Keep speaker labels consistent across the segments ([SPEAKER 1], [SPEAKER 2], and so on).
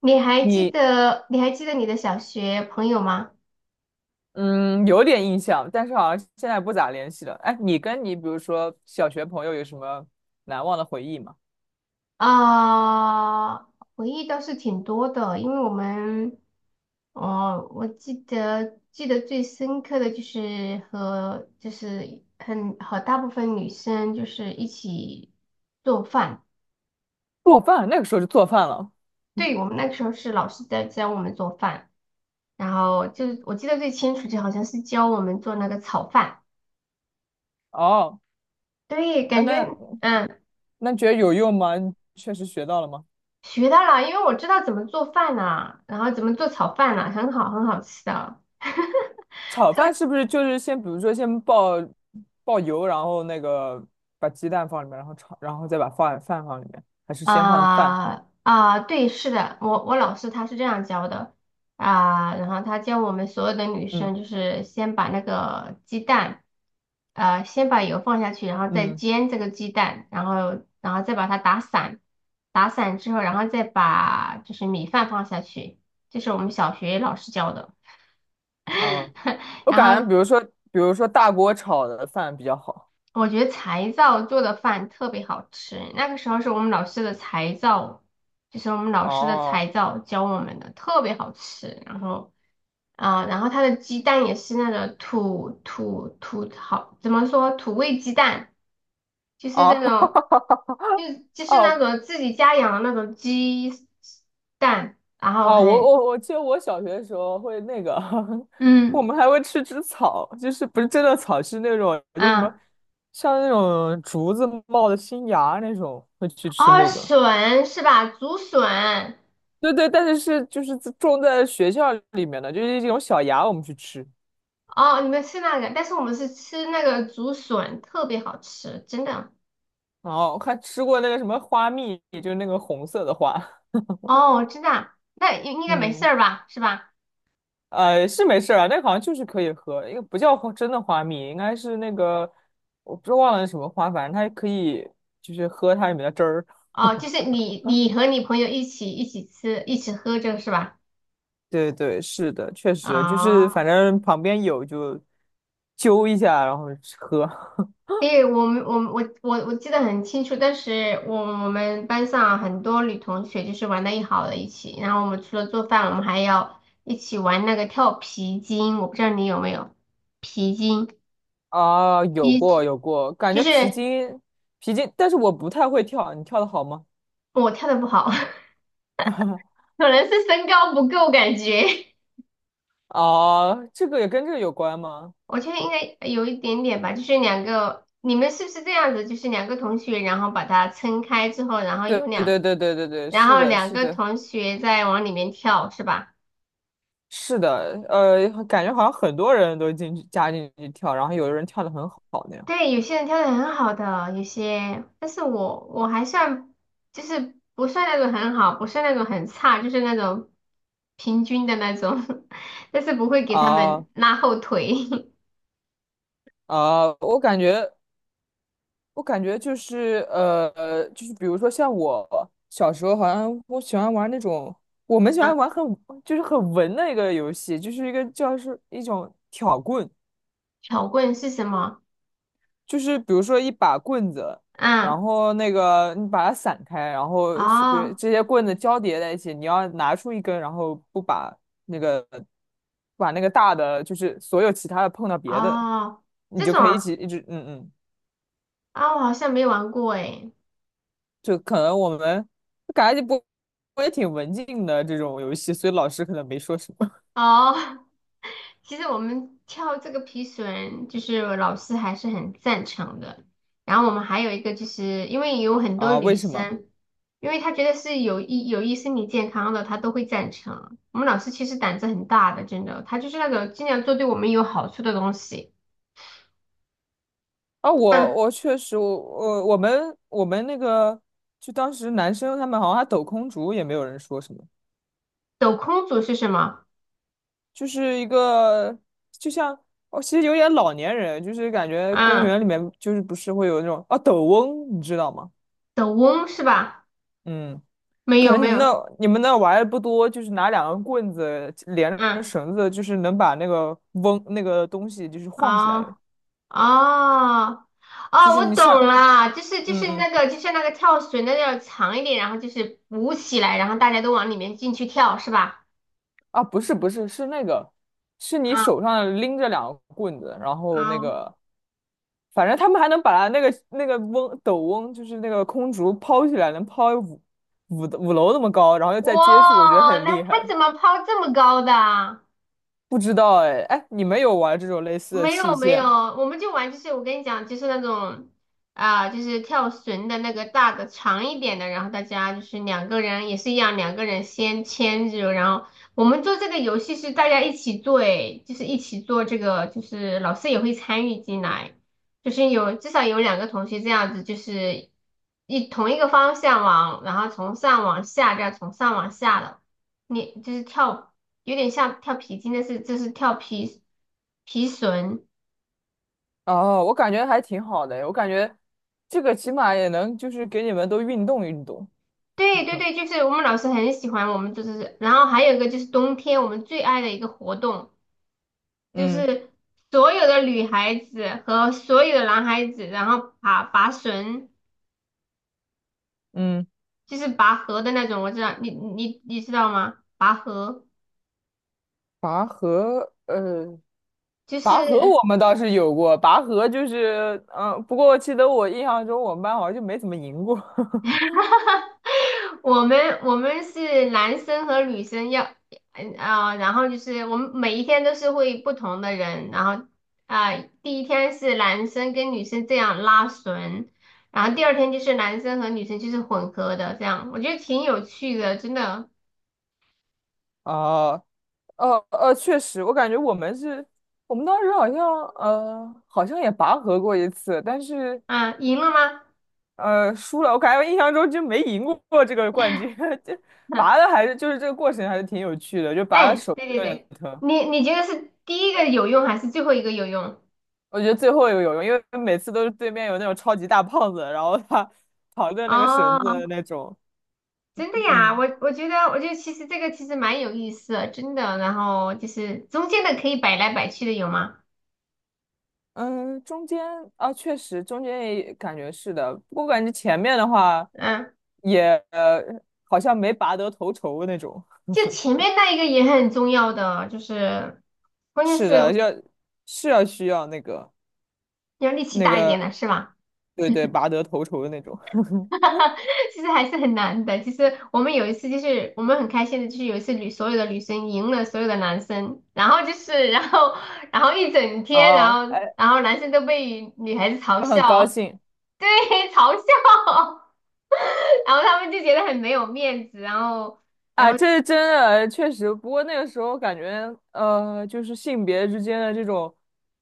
[SPEAKER 1] 你还记
[SPEAKER 2] 你
[SPEAKER 1] 得你还记得你的小学朋友吗？
[SPEAKER 2] 嗯有点印象，但是好像现在不咋联系了。哎，你比如说小学朋友有什么难忘的回忆吗？
[SPEAKER 1] 啊、回忆倒是挺多的，因为我们，哦，我记得最深刻的就是和就是很和大部分女生就是一起做饭，
[SPEAKER 2] 做饭，那个时候就做饭了。
[SPEAKER 1] 对，我们那个时候是老师在教我们做饭，然后就是我记得最清楚就好像是教我们做那个炒饭，
[SPEAKER 2] 哦，
[SPEAKER 1] 对，
[SPEAKER 2] 哎，
[SPEAKER 1] 感觉
[SPEAKER 2] 那
[SPEAKER 1] 。
[SPEAKER 2] 那觉得有用吗？你确实学到了吗？
[SPEAKER 1] 学到了，因为我知道怎么做饭呐、然后怎么做炒饭呐、很好，很好吃的。
[SPEAKER 2] 炒饭是不是就是先比如说先爆油，然后那个把鸡蛋放里面，然后炒，然后再把饭放里面，还是先放饭？
[SPEAKER 1] 对，是的，我老师他是这样教的啊，然后他教我们所有的女
[SPEAKER 2] 嗯
[SPEAKER 1] 生就是先把那个鸡蛋，先把油放下去，然后再
[SPEAKER 2] 嗯
[SPEAKER 1] 煎这个鸡蛋，然后再把它打散，打散之后，然后再把就是米饭放下去，这是我们小学老师教的。
[SPEAKER 2] 啊，我
[SPEAKER 1] 然
[SPEAKER 2] 感觉比
[SPEAKER 1] 后
[SPEAKER 2] 如说比如说大锅炒的饭比较好。
[SPEAKER 1] 我觉得柴灶做的饭特别好吃，那个时候是我们老师的柴灶，就是我们老师的
[SPEAKER 2] 哦。
[SPEAKER 1] 柴灶教我们的，特别好吃。然后，然后它的鸡蛋也是那种土，好，怎么说土味鸡蛋，就是那
[SPEAKER 2] 哦，
[SPEAKER 1] 种，就 就是那
[SPEAKER 2] 哦。
[SPEAKER 1] 种自己家养的那种鸡蛋，然后
[SPEAKER 2] 哦，
[SPEAKER 1] 很，
[SPEAKER 2] 我记得我小学的时候会那个，我
[SPEAKER 1] 嗯
[SPEAKER 2] 们还会吃吃草，就是不是真的草，是那种就什么
[SPEAKER 1] 啊，
[SPEAKER 2] 像那种竹子冒的新芽那种，会去吃
[SPEAKER 1] 哦，
[SPEAKER 2] 那个。
[SPEAKER 1] 笋是吧？竹笋。
[SPEAKER 2] 对对，但是是就是自种在学校里面的，就是这种小芽，我们去吃。
[SPEAKER 1] 哦，你们吃那个，但是我们是吃那个竹笋，特别好吃，真的。
[SPEAKER 2] 然后还吃过那个什么花蜜，就是那个红色的花。
[SPEAKER 1] 哦，真的啊，那应应 该没事
[SPEAKER 2] 嗯。
[SPEAKER 1] 儿吧，是吧？
[SPEAKER 2] 呃，是没事儿啊，那个好像就是可以喝，因为不叫花真的花蜜，应该是那个我不知道忘了是什么花，反正它可以就是喝它里面的汁儿。
[SPEAKER 1] 哦，就是你和你朋友一起吃，一起喝这个是吧？
[SPEAKER 2] 对对，是的，确实就是
[SPEAKER 1] 哦，
[SPEAKER 2] 反正旁边有就揪一下，然后喝。
[SPEAKER 1] 对，我们我们我我我记得很清楚，当时我们班上很多女同学就是玩的一好的一起，然后我们除了做饭，我们还要一起玩那个跳皮筋，我不知道你有没有皮筋，
[SPEAKER 2] 啊，
[SPEAKER 1] 第
[SPEAKER 2] 有
[SPEAKER 1] 一
[SPEAKER 2] 过
[SPEAKER 1] 次
[SPEAKER 2] 有过，感
[SPEAKER 1] 就
[SPEAKER 2] 觉皮
[SPEAKER 1] 是
[SPEAKER 2] 筋皮筋，但是我不太会跳，你跳的好吗？
[SPEAKER 1] 我跳的不好。可能是身高不够，感觉
[SPEAKER 2] 啊，这个也跟这个有关吗？
[SPEAKER 1] 我觉得应该有一点点吧。就是两个，你们是不是这样子？就是两个同学，然后把它撑开之后，然后
[SPEAKER 2] 对
[SPEAKER 1] 有
[SPEAKER 2] 对
[SPEAKER 1] 两，
[SPEAKER 2] 对对对对对，
[SPEAKER 1] 然
[SPEAKER 2] 是
[SPEAKER 1] 后
[SPEAKER 2] 的，
[SPEAKER 1] 两
[SPEAKER 2] 是
[SPEAKER 1] 个
[SPEAKER 2] 的。
[SPEAKER 1] 同学再往里面跳，是吧？
[SPEAKER 2] 是的，感觉好像很多人都进去加进去跳，然后有的人跳的很好那样。
[SPEAKER 1] 对，有些人跳的很好的，有些，但是我还算，就是不算那种很好，不算那种很差，就是那种平均的那种，但是不会给他们
[SPEAKER 2] 啊
[SPEAKER 1] 拉后腿。
[SPEAKER 2] 啊，我感觉就是比如说像我小时候，好像我喜欢玩那种，我们 喜欢
[SPEAKER 1] 啊，
[SPEAKER 2] 玩很就是很文的一个游戏，就是一个叫是一种挑棍。
[SPEAKER 1] 巧棍是什么？
[SPEAKER 2] 就是比如说一把棍子，
[SPEAKER 1] 嗯，
[SPEAKER 2] 然后那个你把它散开，然后是比如
[SPEAKER 1] 哦。
[SPEAKER 2] 这些棍子交叠在一起，你要拿出一根，然后不把那个把那个大的，就是所有其他的碰到别的，
[SPEAKER 1] 哦，
[SPEAKER 2] 你
[SPEAKER 1] 这
[SPEAKER 2] 就
[SPEAKER 1] 种
[SPEAKER 2] 可以一起
[SPEAKER 1] 啊，
[SPEAKER 2] 一直嗯嗯，
[SPEAKER 1] 我好像没玩过诶。
[SPEAKER 2] 就可能我们就感觉不我也挺文静的这种游戏，所以老师可能没说什么。
[SPEAKER 1] 哦，其实我们跳这个皮绳，就是我老师还是很赞成的。然后我们还有一个，就是因为有 很多
[SPEAKER 2] 啊？
[SPEAKER 1] 女
[SPEAKER 2] 为什么？
[SPEAKER 1] 生，因为她觉得是有益身体健康的，她都会赞成啊。我们老师其实胆子很大的，真的，他就是那种尽量做对我们有好处的东西。
[SPEAKER 2] 啊，我
[SPEAKER 1] 嗯，
[SPEAKER 2] 我确实，我们那个，就当时男生他们好像还抖空竹，也没有人说什么。
[SPEAKER 1] 抖空竹是什么？
[SPEAKER 2] 就是一个，就像哦，其实有点老年人，就是感觉公
[SPEAKER 1] 嗯，
[SPEAKER 2] 园里面就是不是会有那种啊抖翁，你知道吗？
[SPEAKER 1] 抖翁是吧？
[SPEAKER 2] 嗯，
[SPEAKER 1] 没
[SPEAKER 2] 可
[SPEAKER 1] 有
[SPEAKER 2] 能你
[SPEAKER 1] 没
[SPEAKER 2] 们
[SPEAKER 1] 有，
[SPEAKER 2] 那你们那玩的不多，就是拿两根棍子连着
[SPEAKER 1] 嗯，
[SPEAKER 2] 绳子，就是能把那个翁那个东西就是晃起来，
[SPEAKER 1] 哦。哦，
[SPEAKER 2] 就
[SPEAKER 1] 哦，
[SPEAKER 2] 是
[SPEAKER 1] 我
[SPEAKER 2] 你上，
[SPEAKER 1] 懂了，就是就
[SPEAKER 2] 嗯
[SPEAKER 1] 是
[SPEAKER 2] 嗯
[SPEAKER 1] 那个，就像那个跳水那要长一点，然后就是鼓起来，然后大家都往里面进去跳，是吧？
[SPEAKER 2] 啊，不是是那个，是你
[SPEAKER 1] 啊
[SPEAKER 2] 手上拎着两个棍子，然后那
[SPEAKER 1] 啊，
[SPEAKER 2] 个反正他们还能把那个翁斗翁，就是那个空竹抛起来，能抛五楼那么高，然后又再接住，我觉得
[SPEAKER 1] 哇，
[SPEAKER 2] 很
[SPEAKER 1] 那
[SPEAKER 2] 厉
[SPEAKER 1] 他
[SPEAKER 2] 害。
[SPEAKER 1] 怎么抛这么高的啊？
[SPEAKER 2] 不知道哎哎，你们有玩这种类似的
[SPEAKER 1] 没
[SPEAKER 2] 器
[SPEAKER 1] 有没
[SPEAKER 2] 械
[SPEAKER 1] 有，
[SPEAKER 2] 吗？
[SPEAKER 1] 我们就玩，就是我跟你讲，就是那种就是跳绳的那个大的长一点的，然后大家就是两个人也是一样，两个人先牵着，然后我们做这个游戏是大家一起做，诶，就是一起做这个，就是老师也会参与进来，就是有至少有两个同学这样子，就是一同一个方向往，然后从上往下这样从上往下的，你就是跳。有点像跳皮筋，但是就是跳皮绳。
[SPEAKER 2] 哦，我感觉还挺好的，我感觉这个起码也能就是给你们都运动运动。
[SPEAKER 1] 对对对，就是我们老师很喜欢我们，就是然后还有一个就是冬天我们最爱的一个活动，就
[SPEAKER 2] 嗯
[SPEAKER 1] 是所有的女孩子和所有的男孩子，然后拔绳，
[SPEAKER 2] 嗯，
[SPEAKER 1] 就是拔河的那种，我知道你知道吗？拔河
[SPEAKER 2] 拔河，
[SPEAKER 1] 就
[SPEAKER 2] 拔河
[SPEAKER 1] 是。
[SPEAKER 2] 我们倒是有过，拔河就是，嗯、不过我记得我印象中我们班好像就没怎么赢过。
[SPEAKER 1] 我们是男生和女生要，然后就是我们每一天都是会不同的人，然后啊、第一天是男生跟女生这样拉绳，然后第二天就是男生和女生就是混合的这样，我觉得挺有趣的，真的。
[SPEAKER 2] 哦，确实，我感觉我们是，我们当时好像好像也拔河过一次，但是
[SPEAKER 1] 啊，赢了吗？
[SPEAKER 2] 输了。我感觉印象中就没赢过这个冠军，这拔的 还是就是这个过程还是挺有趣的，就拔的
[SPEAKER 1] 哎，
[SPEAKER 2] 手
[SPEAKER 1] 对对
[SPEAKER 2] 有点
[SPEAKER 1] 对，
[SPEAKER 2] 疼。
[SPEAKER 1] 你觉得是第一个有用还是最后一个有用？
[SPEAKER 2] 我觉得最后有用，因为每次都是对面有那种超级大胖子，然后他 扛着那个绳子的
[SPEAKER 1] 哦。
[SPEAKER 2] 那种，
[SPEAKER 1] 真的呀，
[SPEAKER 2] 嗯。
[SPEAKER 1] 我觉得其实这个其实蛮有意思的，真的。然后就是中间的可以摆来摆去的有吗？
[SPEAKER 2] 嗯，中间啊，确实中间也感觉是的，不过感觉前面的话
[SPEAKER 1] 嗯，
[SPEAKER 2] 也好像没拔得头筹那种。
[SPEAKER 1] 就前 面那一个也很重要的，就是关键
[SPEAKER 2] 是的，
[SPEAKER 1] 是
[SPEAKER 2] 要是要需要那个
[SPEAKER 1] 要力气
[SPEAKER 2] 那
[SPEAKER 1] 大一点
[SPEAKER 2] 个，
[SPEAKER 1] 的，是吧？
[SPEAKER 2] 对对，拔得头筹的那种。
[SPEAKER 1] 其实还是很难的。其实我们有一次就是我们很开心的，就是有一次所有的女生赢了所有的男生，然后就是然后一整天，然
[SPEAKER 2] 哦，
[SPEAKER 1] 后
[SPEAKER 2] 哎，
[SPEAKER 1] 然后男生都被女孩子嘲
[SPEAKER 2] 就很高
[SPEAKER 1] 笑，
[SPEAKER 2] 兴
[SPEAKER 1] 对，嘲笑。然后他们就觉得很没有面子，然后，然
[SPEAKER 2] 啊，
[SPEAKER 1] 后
[SPEAKER 2] 这是真的，确实。不过那个时候感觉，就是性别之间的这种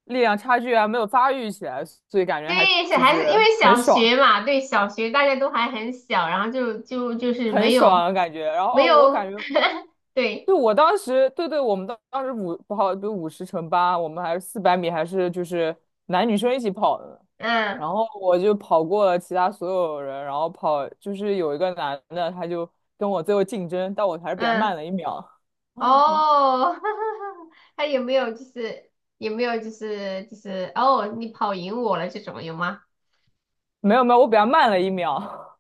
[SPEAKER 2] 力量差距啊，没有发育起来，所以感觉还
[SPEAKER 1] 对小
[SPEAKER 2] 就
[SPEAKER 1] 孩子，因
[SPEAKER 2] 是
[SPEAKER 1] 为
[SPEAKER 2] 很
[SPEAKER 1] 小
[SPEAKER 2] 爽，
[SPEAKER 1] 学嘛，对小学大家都还很小，然后就是
[SPEAKER 2] 很
[SPEAKER 1] 没有
[SPEAKER 2] 爽的感觉。然后
[SPEAKER 1] 没
[SPEAKER 2] 哦我感
[SPEAKER 1] 有，
[SPEAKER 2] 觉。
[SPEAKER 1] 对，
[SPEAKER 2] 对，我当时，对对，我们当时不好，比如50乘8，我们还是400米，还是就是男女生一起跑的呢。
[SPEAKER 1] 嗯
[SPEAKER 2] 然后我就跑过了其他所有人，然后跑就是有一个男的，他就跟我最后竞争，但我还是比他
[SPEAKER 1] 嗯，
[SPEAKER 2] 慢了一秒。
[SPEAKER 1] 哦，他有没有哦，你跑赢我了这种有吗？
[SPEAKER 2] 没有没有，我比他慢了一秒。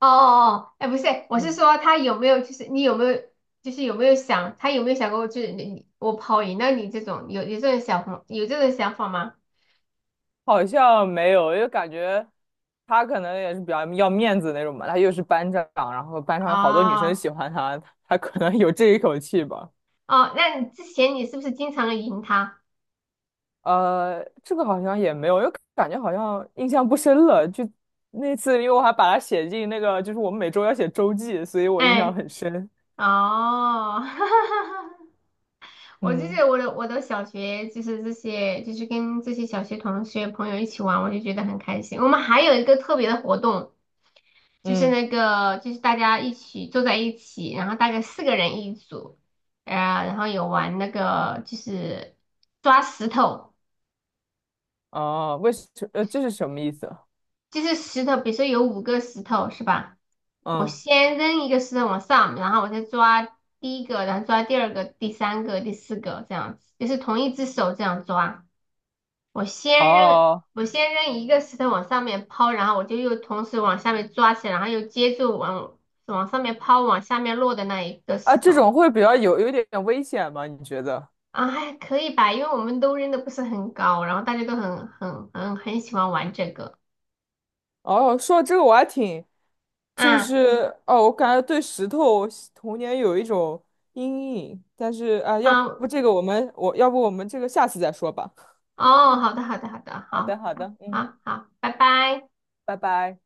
[SPEAKER 1] 哦哦哦，哎，不是，我是
[SPEAKER 2] 嗯，
[SPEAKER 1] 说他有没有就是你有没有就是有没有想他有没有想过就是你我跑赢了你这种有这种想法有这种想法吗？
[SPEAKER 2] 好像没有，因为感觉他可能也是比较要面子那种嘛。他又是班长，然后班上有好多女生
[SPEAKER 1] 哦
[SPEAKER 2] 喜欢他，他可能有这一口气吧。
[SPEAKER 1] 哦，那你之前你是不是经常赢他？
[SPEAKER 2] 这个好像也没有，又感觉好像印象不深了。就那次，因为我还把它写进那个，就是我们每周要写周记，所以我印象
[SPEAKER 1] 哎，
[SPEAKER 2] 很深。
[SPEAKER 1] 哦，我就
[SPEAKER 2] 嗯
[SPEAKER 1] 是我的小学就是这些，就是跟这些小学同学朋友一起玩，我就觉得很开心。我们还有一个特别的活动，就是
[SPEAKER 2] 嗯，
[SPEAKER 1] 那个就是大家一起坐在一起，然后大概四个人一组，然后有玩那个就是抓石头，
[SPEAKER 2] 哦，这是什么意思？
[SPEAKER 1] 就是石头，比如说有五个石头是吧？我
[SPEAKER 2] 嗯，
[SPEAKER 1] 先扔一个石头往上，然后我再抓第一个，然后抓第二个、第三个、第四个，这样子，就是同一只手这样抓。我先扔，
[SPEAKER 2] 哦
[SPEAKER 1] 我先扔一个石头往上面抛，然后我就又同时往下面抓起来，然后又接住往上面抛，往下面落的那一个
[SPEAKER 2] 啊，
[SPEAKER 1] 石
[SPEAKER 2] 这
[SPEAKER 1] 头。
[SPEAKER 2] 种会比较有一点点危险吗？你觉得？
[SPEAKER 1] 啊，还可以吧，因为我们都扔的不是很高，然后大家都很喜欢玩这个。
[SPEAKER 2] 哦，说到这个我还挺，就
[SPEAKER 1] 啊
[SPEAKER 2] 是哦，我感觉对石头童年有一种阴影，但是啊，要
[SPEAKER 1] 啊
[SPEAKER 2] 不这个我们我要不我们这个下次再说吧。
[SPEAKER 1] 哦，好的好的好的，
[SPEAKER 2] 好的，
[SPEAKER 1] 好
[SPEAKER 2] 好的，嗯。
[SPEAKER 1] 好好，拜拜。
[SPEAKER 2] 拜拜。